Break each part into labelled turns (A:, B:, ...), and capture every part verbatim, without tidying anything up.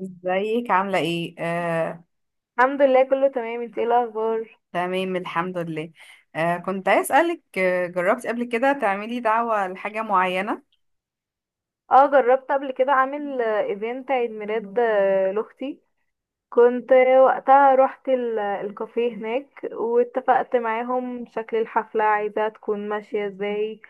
A: ازيك عاملة ايه؟ آه،
B: الحمد لله كله تمام، انت ايه الاخبار؟
A: تمام الحمد لله. آه، كنت عايز اسألك، آه، جربتي قبل كده تعملي دعوة لحاجة معينة؟
B: اه جربت قبل كده اعمل آه، ايفنت عيد ميلاد آه، لاختي. كنت آه، وقتها رحت ال- الكافيه هناك واتفقت معاهم شكل الحفلة عايزة تكون ماشية ازاي،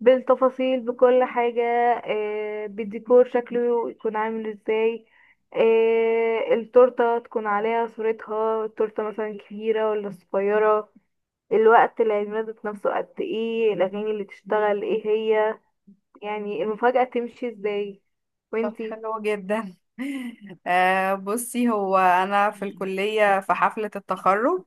B: بالتفاصيل بكل حاجة. آه، بالديكور شكله يكون عامل ازاي، آه، التورتة تكون عليها صورتها، التورتة مثلا كبيرة ولا صغيرة، الوقت العيد ميلاد نفسه قد ايه، الاغاني اللي تشتغل ايه هي، يعني المفاجأة تمشي ازاي.
A: طب
B: وانتي؟
A: حلو جدا. آه، بصي، هو أنا في الكلية في حفلة التخرج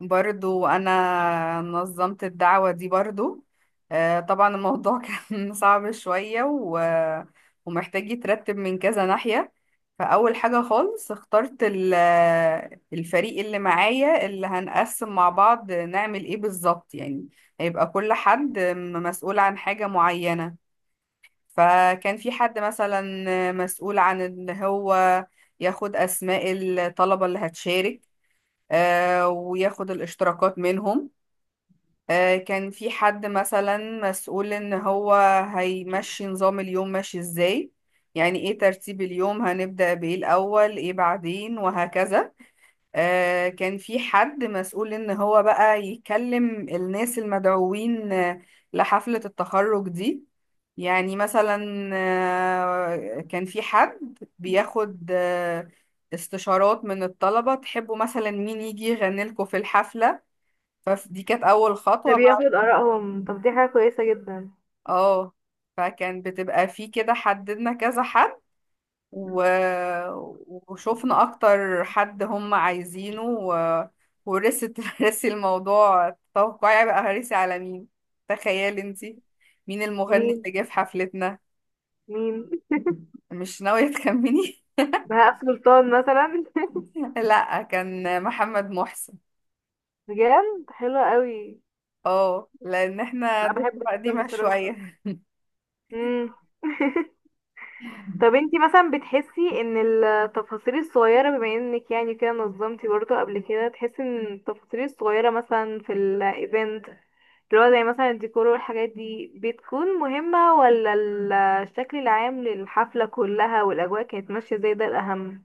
A: برضو انا نظمت الدعوة دي برضو. آه، طبعا الموضوع كان صعب شوية و... ومحتاج يترتب من كذا ناحية. فأول حاجة خالص اخترت ال- الفريق اللي معايا اللي هنقسم مع بعض نعمل ايه بالظبط، يعني هيبقى كل حد م- مسؤول عن حاجة معينة. فكان في حد مثلا مسؤول عن ان هو ياخد اسماء الطلبة اللي هتشارك، آه، وياخد الاشتراكات منهم. آه، كان في حد مثلا مسؤول ان هو هيمشي نظام اليوم ماشي ازاي، يعني ايه ترتيب اليوم، هنبدأ بايه الاول، ايه بعدين، وهكذا. آه، كان في حد مسؤول ان هو بقى يكلم الناس المدعوين آه، لحفلة التخرج دي. يعني مثلا آه، كان في حد بياخد آه، استشارات من الطلبة، تحبوا مثلا مين يجي يغني لكم في الحفلة. فدي كانت اول
B: ده
A: خطوة
B: بياخد
A: بقى.
B: آرائهم، طب دي حاجة كويسة جدا.
A: اه، فكان بتبقى في كده حددنا كذا حد، و... وشوفنا اكتر حد هم عايزينه، و... ورثت رثي الموضوع. توقعي بقى هرثي على مين، تخيلي انتي مين المغني
B: مين؟
A: اللي جه في حفلتنا.
B: مين؟
A: مش ناوية تخمني؟
B: بهاء سلطان مثلا؟
A: لا، كان محمد محسن.
B: بجد حلوة قوي.
A: اه، لان احنا
B: لا
A: دفعة
B: بحب جدا
A: قديمة
B: بصراحة.
A: شوية.
B: مم. طب انتي مثلا بتحسي ان التفاصيل الصغيرة، بما انك يعني كده نظمتي برضه قبل كده، تحسي ان التفاصيل الصغيرة مثلا في الايفنت، اللي هو زي مثلا الديكور والحاجات دي، بتكون مهمة ولا ال- الشكل العام للحفلة كلها والأجواء كانت ماشية زي ده الأهم؟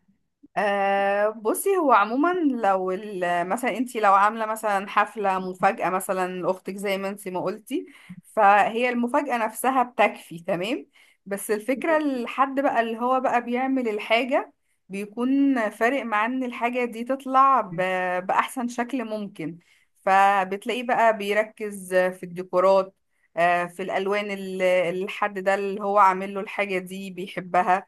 A: أه بصي، هو عموما لو ال- مثلا انتي لو عامله مثلا حفله مفاجاه مثلا لاختك زي ما انتي ما قلتي، فهي المفاجاه نفسها بتكفي تمام. بس الفكره الحد بقى اللي هو بقى بيعمل الحاجه بيكون فارق معاه ان الحاجه دي تطلع ب- باحسن شكل ممكن. فبتلاقيه بقى بيركز في الديكورات، آه، في الالوان اللي اللي الحد ده اللي هو عامل له الحاجه دي بيحبها.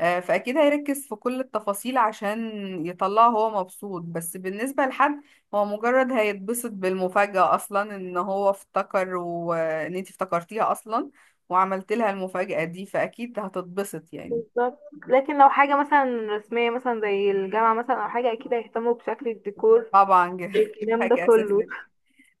A: آه، فأكيد هيركز في كل التفاصيل عشان يطلعه هو مبسوط. بس بالنسبة لحد، هو مجرد هيتبسط بالمفاجأة أصلا إن هو افتكر، وإن أنت افتكرتيها أصلا وعملت لها المفاجأة دي، فأكيد هتتبسط يعني.
B: بالظبط. لكن لو حاجة مثلا رسمية، مثلا زي الجامعة مثلا أو حاجة، أكيد هيهتموا بشكل الديكور.
A: طبعا ج- دي
B: الكلام ده
A: حاجة
B: كله.
A: أساسية.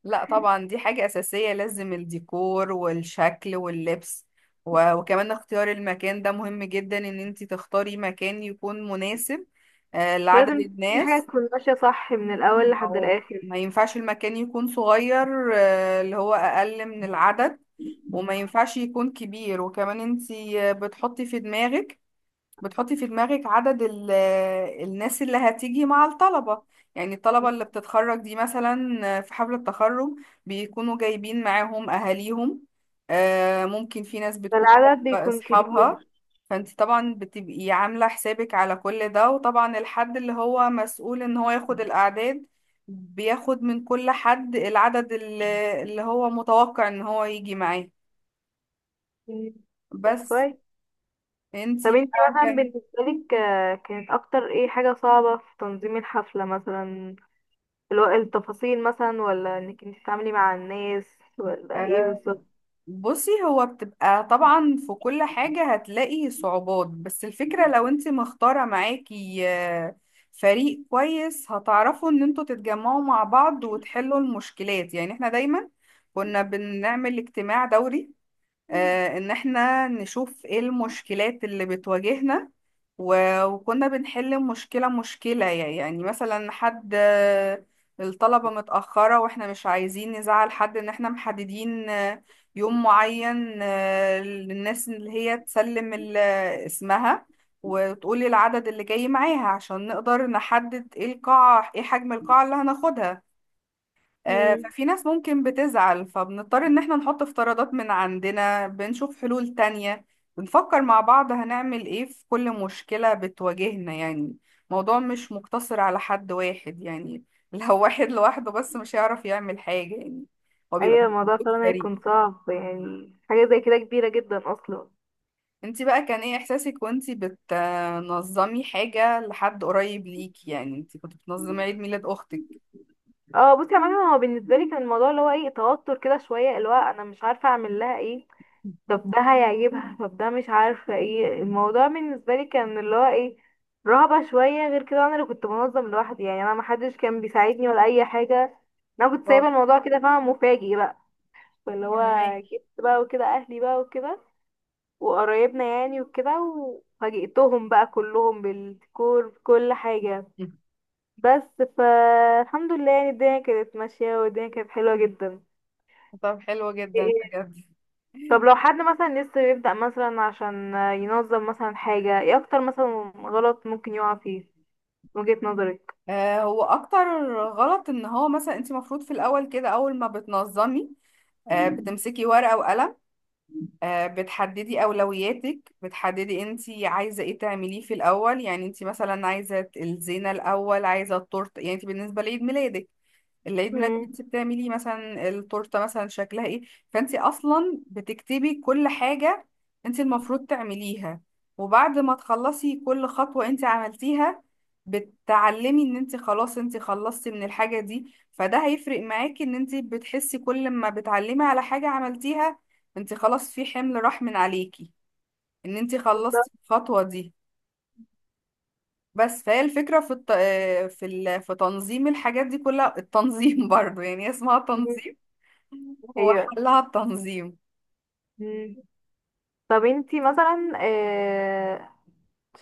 A: لا طبعا دي حاجة أساسية، لازم الديكور والشكل واللبس، و- وكمان اختيار المكان ده مهم جدا، إن أنت تختاري مكان يكون مناسب آه، لعدد
B: لازم كل حاجة
A: الناس.
B: تكون ماشية صح من الأول لحد
A: هو
B: الآخر.
A: ما ينفعش المكان يكون صغير، آه، اللي هو اقل من العدد، وما ينفعش يكون كبير. وكمان انتي آه، بتحطي في دماغك، بتحطي في دماغك عدد ال- الناس اللي هتيجي مع الطلبة. يعني الطلبة اللي بتتخرج دي مثلا، في حفلة التخرج، بيكونوا جايبين معاهم أهاليهم. آه، ممكن في ناس
B: ده
A: بتكون
B: العدد
A: جايبة
B: بيكون كبير.
A: أصحابها. فانت طبعا بتبقي عاملة حسابك على كل ده. وطبعا الحد اللي هو مسؤول ان هو ياخد الأعداد بياخد من كل حد العدد اللي اللي هو متوقع ان هو يجي معاه.
B: مم. طب
A: بس.
B: كويس. طب
A: انتي
B: انتي
A: بقى
B: مثلا
A: كان
B: بالنسبة لك آه، كانت أكتر ايه حاجة صعبة في تنظيم الحفلة مثلا؟ الو- التفاصيل مثلا، ولا انك انتي تتعاملي مع الناس، ولا ايه
A: آه،
B: بالظبط؟
A: بصي، هو بتبقى طبعا في كل حاجة هتلاقي صعوبات، بس الفكرة لو انت مختارة معاكي آه، فريق كويس، هتعرفوا ان انتوا تتجمعوا مع بعض وتحلوا المشكلات. يعني احنا دايما كنا بنعمل اجتماع دوري، آه، ان احنا نشوف ايه المشكلات اللي بتواجهنا، و- وكنا بنحل مشكلة مشكلة. يعني مثلا حد آه، الطلبة متأخرة واحنا مش عايزين نزعل حد، ان احنا محددين آه، يوم معين آه، للناس اللي هي تسلم ال- اسمها وتقولي العدد اللي جاي معاها، عشان نقدر نحدد ايه القاعة، ايه حجم القاعة اللي هناخدها. آه،
B: مم.
A: ففي ناس ممكن بتزعل، فبنضطر ان احنا نحط افتراضات من عندنا، بنشوف حلول تانية، بنفكر مع بعض هنعمل ايه في كل مشكلة بتواجهنا يعني. الموضوع مش مقتصر على حد واحد يعني. لو واحد لوحده بس مش هيعرف يعمل حاجة يعني، هو بيبقى
B: ايوه، الموضوع
A: مجهود
B: فعلا
A: فريق.
B: هيكون صعب يعني، حاجة زي كده كبيرة جدا اصلا.
A: انتي بقى كان ايه احساسك وانتي بتنظمي حاجة لحد قريب ليكي؟ يعني انتي كنت بتنظمي عيد ميلاد اختك.
B: اه، بصي عامة هو بالنسبة لي كان الموضوع اللي هو ايه، توتر كده شوية، اللي هو انا مش عارفة اعمل لها ايه، طب ده هيعجبها، طب ده مش عارفة. ايه الموضوع بالنسبة لي، كان اللي هو ايه، رهبة شوية. غير كده انا اللي كنت بنظم لوحدي يعني، انا محدش كان بيساعدني ولا اي حاجة. انا كنت سايبة
A: اه
B: الموضوع كده، فاهمة، مفاجئ بقى. فاللي هو
A: فاهمك.
B: جبت بقى وكده اهلي بقى وكده وقرايبنا يعني وكده، وفاجئتهم بقى كلهم بالديكور بكل حاجة بس. فالحمد لله يعني الدنيا كانت ماشية والدنيا كانت حلوة جدا.
A: طب حلو جدا بجد.
B: طب لو حد مثلا لسه بيبدأ مثلا عشان ينظم مثلا حاجة، ايه اكتر مثلا غلط ممكن يقع فيه من وجهة نظرك؟
A: آه، هو اكتر غلط ان هو مثلا انت المفروض في الاول كده اول ما بتنظمي آه، بتمسكي ورقة وقلم، آه، بتحددي اولوياتك، بتحددي انت عايزة ايه تعمليه في الاول. يعني انت مثلا عايزة الزينة الاول، عايزة التورت. يعني انت بالنسبة لعيد ميلادك، العيد ميلاد
B: مم.
A: انت بتعملي مثلا التورته مثلا شكلها ايه. فانت اصلا بتكتبي كل حاجه انت المفروض تعمليها، وبعد ما تخلصي كل خطوه انت عملتيها بتعلمي ان انت خلاص انت خلصتي من الحاجه دي. فده هيفرق معاكي ان انت بتحسي كل ما بتعلمي على حاجه عملتيها، انت خلاص في حمل راح من عليكي، ان انت خلصتي الخطوه دي. بس، فهي الفكرة في الت... في ال... في تنظيم الحاجات دي كلها التنظيم. برضو يعني هي اسمها تنظيم، هو
B: هي.
A: حلها التنظيم.
B: مم. طب انتي مثلا آه،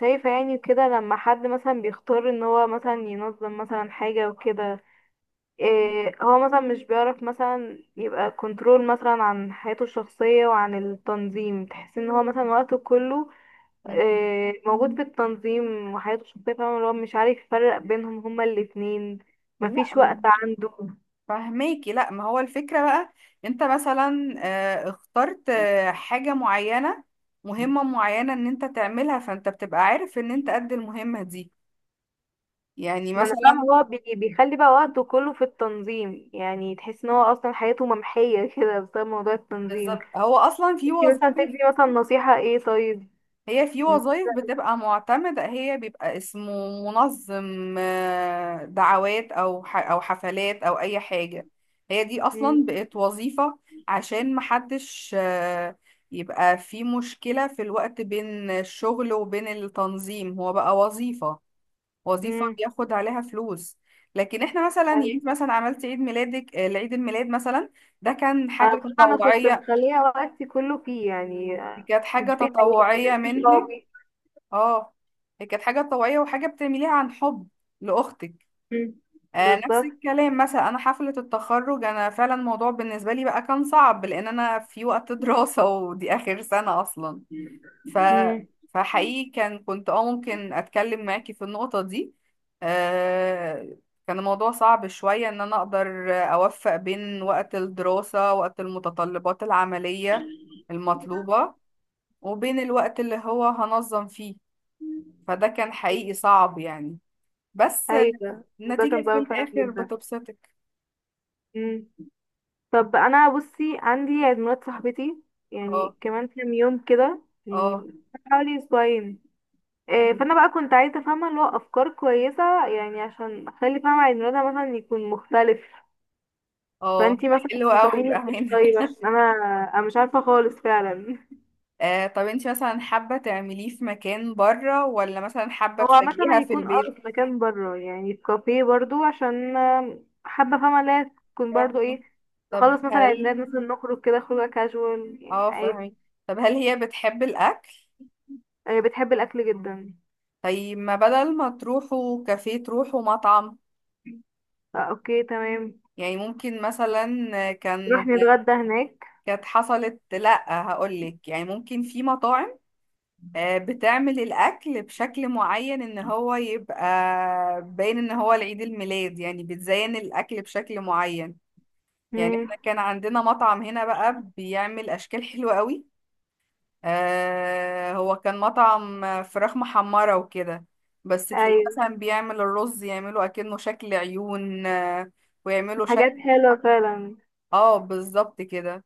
B: شايفة يعني كده لما حد مثلا بيختار ان هو مثلا ينظم مثلا حاجة وكده، آه، هو مثلا مش بيعرف مثلا يبقى كنترول مثلا عن حياته الشخصية وعن التنظيم، تحس ان هو مثلا وقته كله
A: مم.
B: آه، موجود في التنظيم وحياته الشخصية، فاهمة، اللي هو مش عارف يفرق بينهم هما الاتنين،
A: لا
B: مفيش وقت
A: م-
B: عنده.
A: فهماكي؟ لا، ما هو الفكرة بقى، انت مثلا آه، اخترت آه، حاجة معينة، مهمة معينة ان انت تعملها، فانت بتبقى عارف ان انت قد المهمة دي. يعني
B: ما انا فاهمة،
A: مثلا
B: هو بي- بيخلي بقى وقته كله في التنظيم، يعني تحس ان هو اصلا حياته ممحية كده بسبب موضوع التنظيم.
A: بالظبط، هو اصلا في
B: انتي مثلا
A: وظائف،
B: تدي مثلا نصيحة ايه طيب؟
A: هي في
B: م-
A: وظائف بتبقى معتمدة، هي بيبقى اسمه منظم آه، دعوات أو ح- أو حفلات أو أي حاجة. هي دي أصلا
B: م-
A: بقت وظيفة، عشان محدش آه، يبقى في مشكلة في الوقت بين الشغل وبين التنظيم، هو بقى وظيفة، وظيفة
B: م.
A: بياخد عليها فلوس. لكن احنا مثلا، يعني إنت
B: يعني
A: مثلا عملت عيد ميلادك، آه، العيد الميلاد مثلا ده كان
B: انا
A: حاجة
B: بصراحة انا كنت
A: تطوعية،
B: مخلية وقتي كله فيه يعني، آه،
A: كانت حاجة
B: مكانش فيه حياة، مكانش
A: تطوعية
B: فيه
A: منك.
B: صحابي.
A: اه، هي كانت حاجة طوعية وحاجة بتعمليها عن حب لأختك.
B: م.
A: آه نفس
B: بالظبط.
A: الكلام مثلا، أنا حفلة التخرج أنا فعلا الموضوع بالنسبة لي بقى كان صعب، لأن أنا في وقت دراسة، ودي آخر سنة أصلا. ف... فحقيقي كان كنت اه ممكن أتكلم معاكي في النقطة دي. آه كان الموضوع صعب شوية، إن أنا أقدر أوفق بين وقت الدراسة، وقت المتطلبات العملية المطلوبة، وبين الوقت اللي هو هنظم فيه.
B: م.
A: فده كان حقيقي صعب يعني. بس
B: ايوه ده كان
A: النتيجة في
B: صعب فعلا
A: الآخر
B: جدا.
A: بتبسطك.
B: مم. طب انا بصي عندي عيد ميلاد صاحبتي،
A: اه،
B: يعني كمان كام يوم كده
A: اه،
B: يعني، حوالي اسبوعين. آه، فانا بقى كنت عايزه افهمها اللي هو افكار كويسه يعني، عشان اخلي فاهمه عيد ميلادها مثلا يكون مختلف.
A: اه
B: فانتي مثلا
A: حلو قوي،
B: تنصحيني
A: يبقى
B: بايه
A: هنا.
B: طيب؟ عشان انا انا مش عارفه خالص فعلا.
A: آه طب انت مثلا حابة تعمليه في مكان بره، ولا مثلا حابة
B: هو عامة
A: تفاجئيها في
B: هيكون اه
A: البيت؟
B: في مكان بره يعني، في كافيه برضو، عشان آه، حابة فاهمة اللي هي تكون برضو
A: فاهمة.
B: ايه،
A: طب
B: نخلص مثلا
A: هل
B: عيدات مثلا، نخرج كده خروجة كاجوال يعني
A: اه
B: عادي.
A: فاهمة، طب هل هي بتحب الأكل؟
B: آه، بتحب الأكل جدا.
A: طيب ما بدل ما تروحوا كافيه تروحوا مطعم.
B: آه، اوكي تمام،
A: يعني ممكن مثلا
B: نروح
A: كان،
B: نتغدى هناك.
A: كانت حصلت، لأ هقولك. يعني ممكن في مطاعم آه، بتعمل الأكل بشكل معين، إن هو يبقى باين إن هو العيد الميلاد، يعني بتزين الأكل بشكل معين. يعني
B: مم.
A: إحنا كان عندنا مطعم هنا بقى بيعمل أشكال حلوة قوي، آه، هو كان مطعم فراخ محمرة وكده، بس تلاقيه
B: أيوة.
A: مثلا بيعمل الرز يعمله أكنه شكل عيون، آه، ويعمله شكل.
B: حاجات حلوة فعلا.
A: اه بالظبط كده.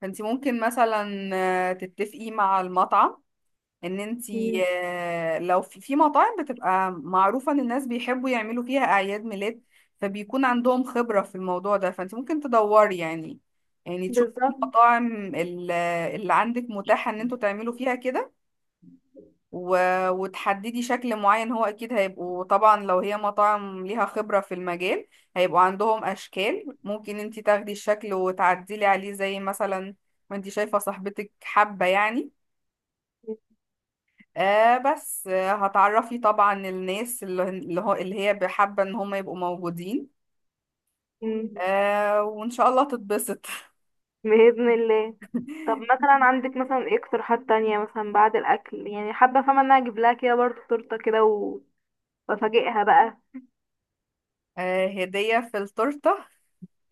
A: فانت ممكن مثلا آه، تتفقي مع المطعم، ان انتي
B: مم.
A: آه، لو في في مطاعم بتبقى معروفة ان الناس بيحبوا يعملوا فيها اعياد ميلاد، فبيكون عندهم خبرة في الموضوع ده. فانت ممكن تدوري يعني، يعني تشوفي
B: بالظبط.
A: المطاعم ال- اللي عندك متاحة ان انتوا تعملوا فيها كده، و- وتحددي شكل معين. هو اكيد هيبقوا طبعا لو هي مطاعم ليها خبرة في المجال، هيبقوا عندهم اشكال، ممكن انتي تاخدي الشكل وتعدلي عليه زي مثلا ما انتي شايفة صاحبتك حابة يعني. آه بس آه هتعرفي طبعا الناس اللي اللي هو اللي هي حابة ان هم يبقوا موجودين.
B: مم.
A: آه وان شاء الله تتبسط.
B: بإذن الله. طب مثلا عندك مثلا ايه اقتراحات تانية مثلا بعد الأكل؟ يعني حابة فاهمة ان انا اجيب لها كده برضو تورتة كده و- وافاجئها بقى.
A: آه هدية في التورتة.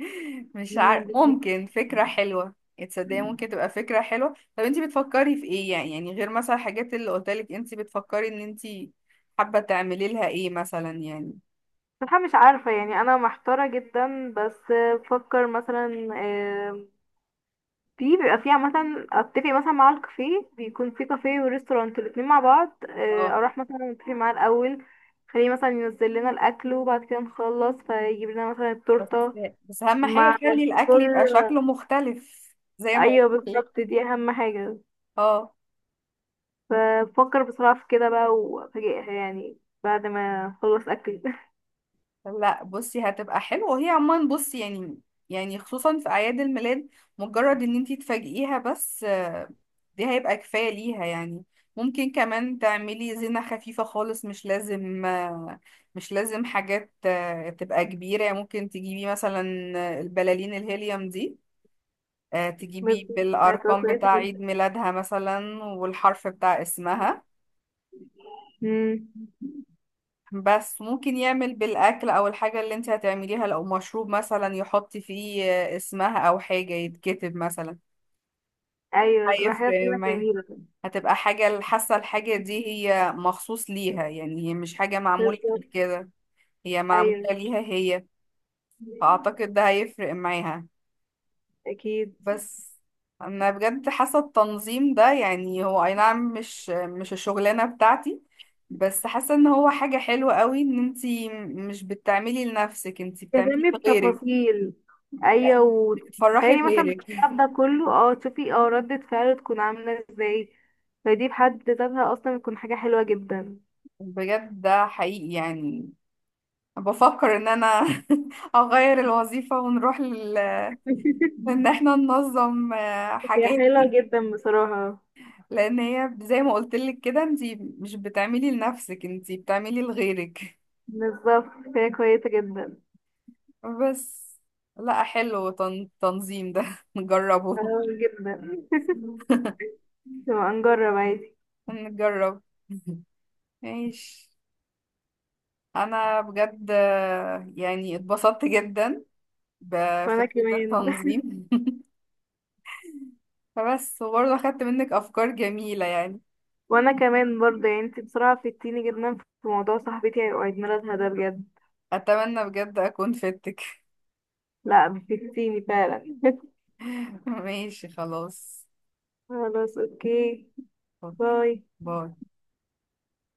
A: مش عارف،
B: مم.
A: ممكن فكرة حلوة. تصدقي ممكن تبقى فكرة حلوة. طب انتي بتفكري في ايه يعني، يعني غير مثلا الحاجات اللي قلتلك، انتي بتفكري ان انتي حابة تعملي لها ايه مثلا يعني.
B: صراحة مش عارفة يعني، أنا محتارة جدا. بس بفكر مثلا آه، في بيبقى فيها مثلا أتفق مثلا مع الكافيه، بيكون في كافيه وريستورانت الاتنين مع بعض، آه،
A: اه
B: أروح مثلا أتفق معاه الأول، خليه مثلا ينزل لنا الأكل، وبعد كده نخلص فيجيب لنا مثلا
A: بس،
B: التورتة
A: بس اهم
B: مع
A: حاجة خلي الاكل
B: الفطور.
A: يبقى شكله مختلف زي ما
B: أيوه
A: قلت لك.
B: بالظبط، دي أهم حاجة.
A: اه
B: فبفكر بصراحة في كده بقى وأفاجئها يعني، بعد ما أخلص أكل.
A: لا بصي هتبقى حلوة، وهي عموما بصي يعني، يعني خصوصا في أعياد الميلاد مجرد ان انتي تفاجئيها بس آه، دي هيبقى كفاية ليها يعني. ممكن كمان تعملي زينة خفيفة خالص، مش لازم آه، مش لازم حاجات آه، تبقى كبيرة. يعني ممكن تجيبي مثلا البلالين الهيليوم دي، آه، تجيبي
B: بالظبط، هتبقى
A: بالأرقام
B: كويسة
A: بتاع
B: جدا.
A: عيد ميلادها مثلا والحرف بتاع اسمها.
B: مم.
A: بس ممكن يعمل بالأكل، أو الحاجة اللي انت هتعمليها لو مشروب مثلا يحط فيه اسمها، أو حاجة يتكتب مثلا،
B: أيوه تبقى حاجة
A: هيفرق
B: فعلا
A: معاه.
B: جميلة.
A: هتبقى حاجة حاسة الحاجة دي هي مخصوص ليها، يعني هي مش حاجة معمولة قبل
B: بالظبط.
A: كده، هي معمولة
B: ايوه،
A: ليها هي. فأعتقد ده هيفرق معاها.
B: اكيد.
A: بس، انا بجد حاسه التنظيم ده يعني، هو اي نعم مش مش الشغلانه بتاعتي، بس حاسه ان هو حاجه حلوه قوي ان انتي مش بتعملي لنفسك، انتي بتعملي
B: تهتمي
A: لغيرك،
B: بتفاصيل. ايوه،
A: بتفرحي
B: وتخيلي مثلا
A: غيرك.
B: بالتعب ده كله اه تشوفي اه ردة فعله تكون عاملة ازاي، فدي بحد ذاتها اصلا بتكون حاجة حلوة جدا.
A: بجد ده حقيقي يعني. بفكر ان انا اغير الوظيفه ونروح لل... ان احنا ننظم آه،
B: هي
A: حاجات.
B: حلوة جدا بصراحة.
A: لان هي زي ما قلت لك كده، انتي مش بتعملي لنفسك، انتي بتعملي لغيرك.
B: بالظبط، هي كويسة جدا.
A: بس، لا حلو تن... تنظيم ده نجربه.
B: اه جدا. نبقى نجرب عادي.
A: نجرب. ماشي. انا بجد آه، يعني اتبسطت جدا
B: وانا
A: بفكرة
B: كمان.
A: التنظيم. فبس، وبرضه اخدت منك افكار جميلة يعني.
B: وانا كمان برضه يعني، انت بصراحة فدتيني جدا في موضوع صاحبتي عيد ميلادها ده بجد.
A: اتمنى بجد اكون فدتك.
B: لا فدتيني فعلا.
A: ماشي خلاص.
B: خلاص اوكي.
A: أوكي.
B: باي.
A: باي.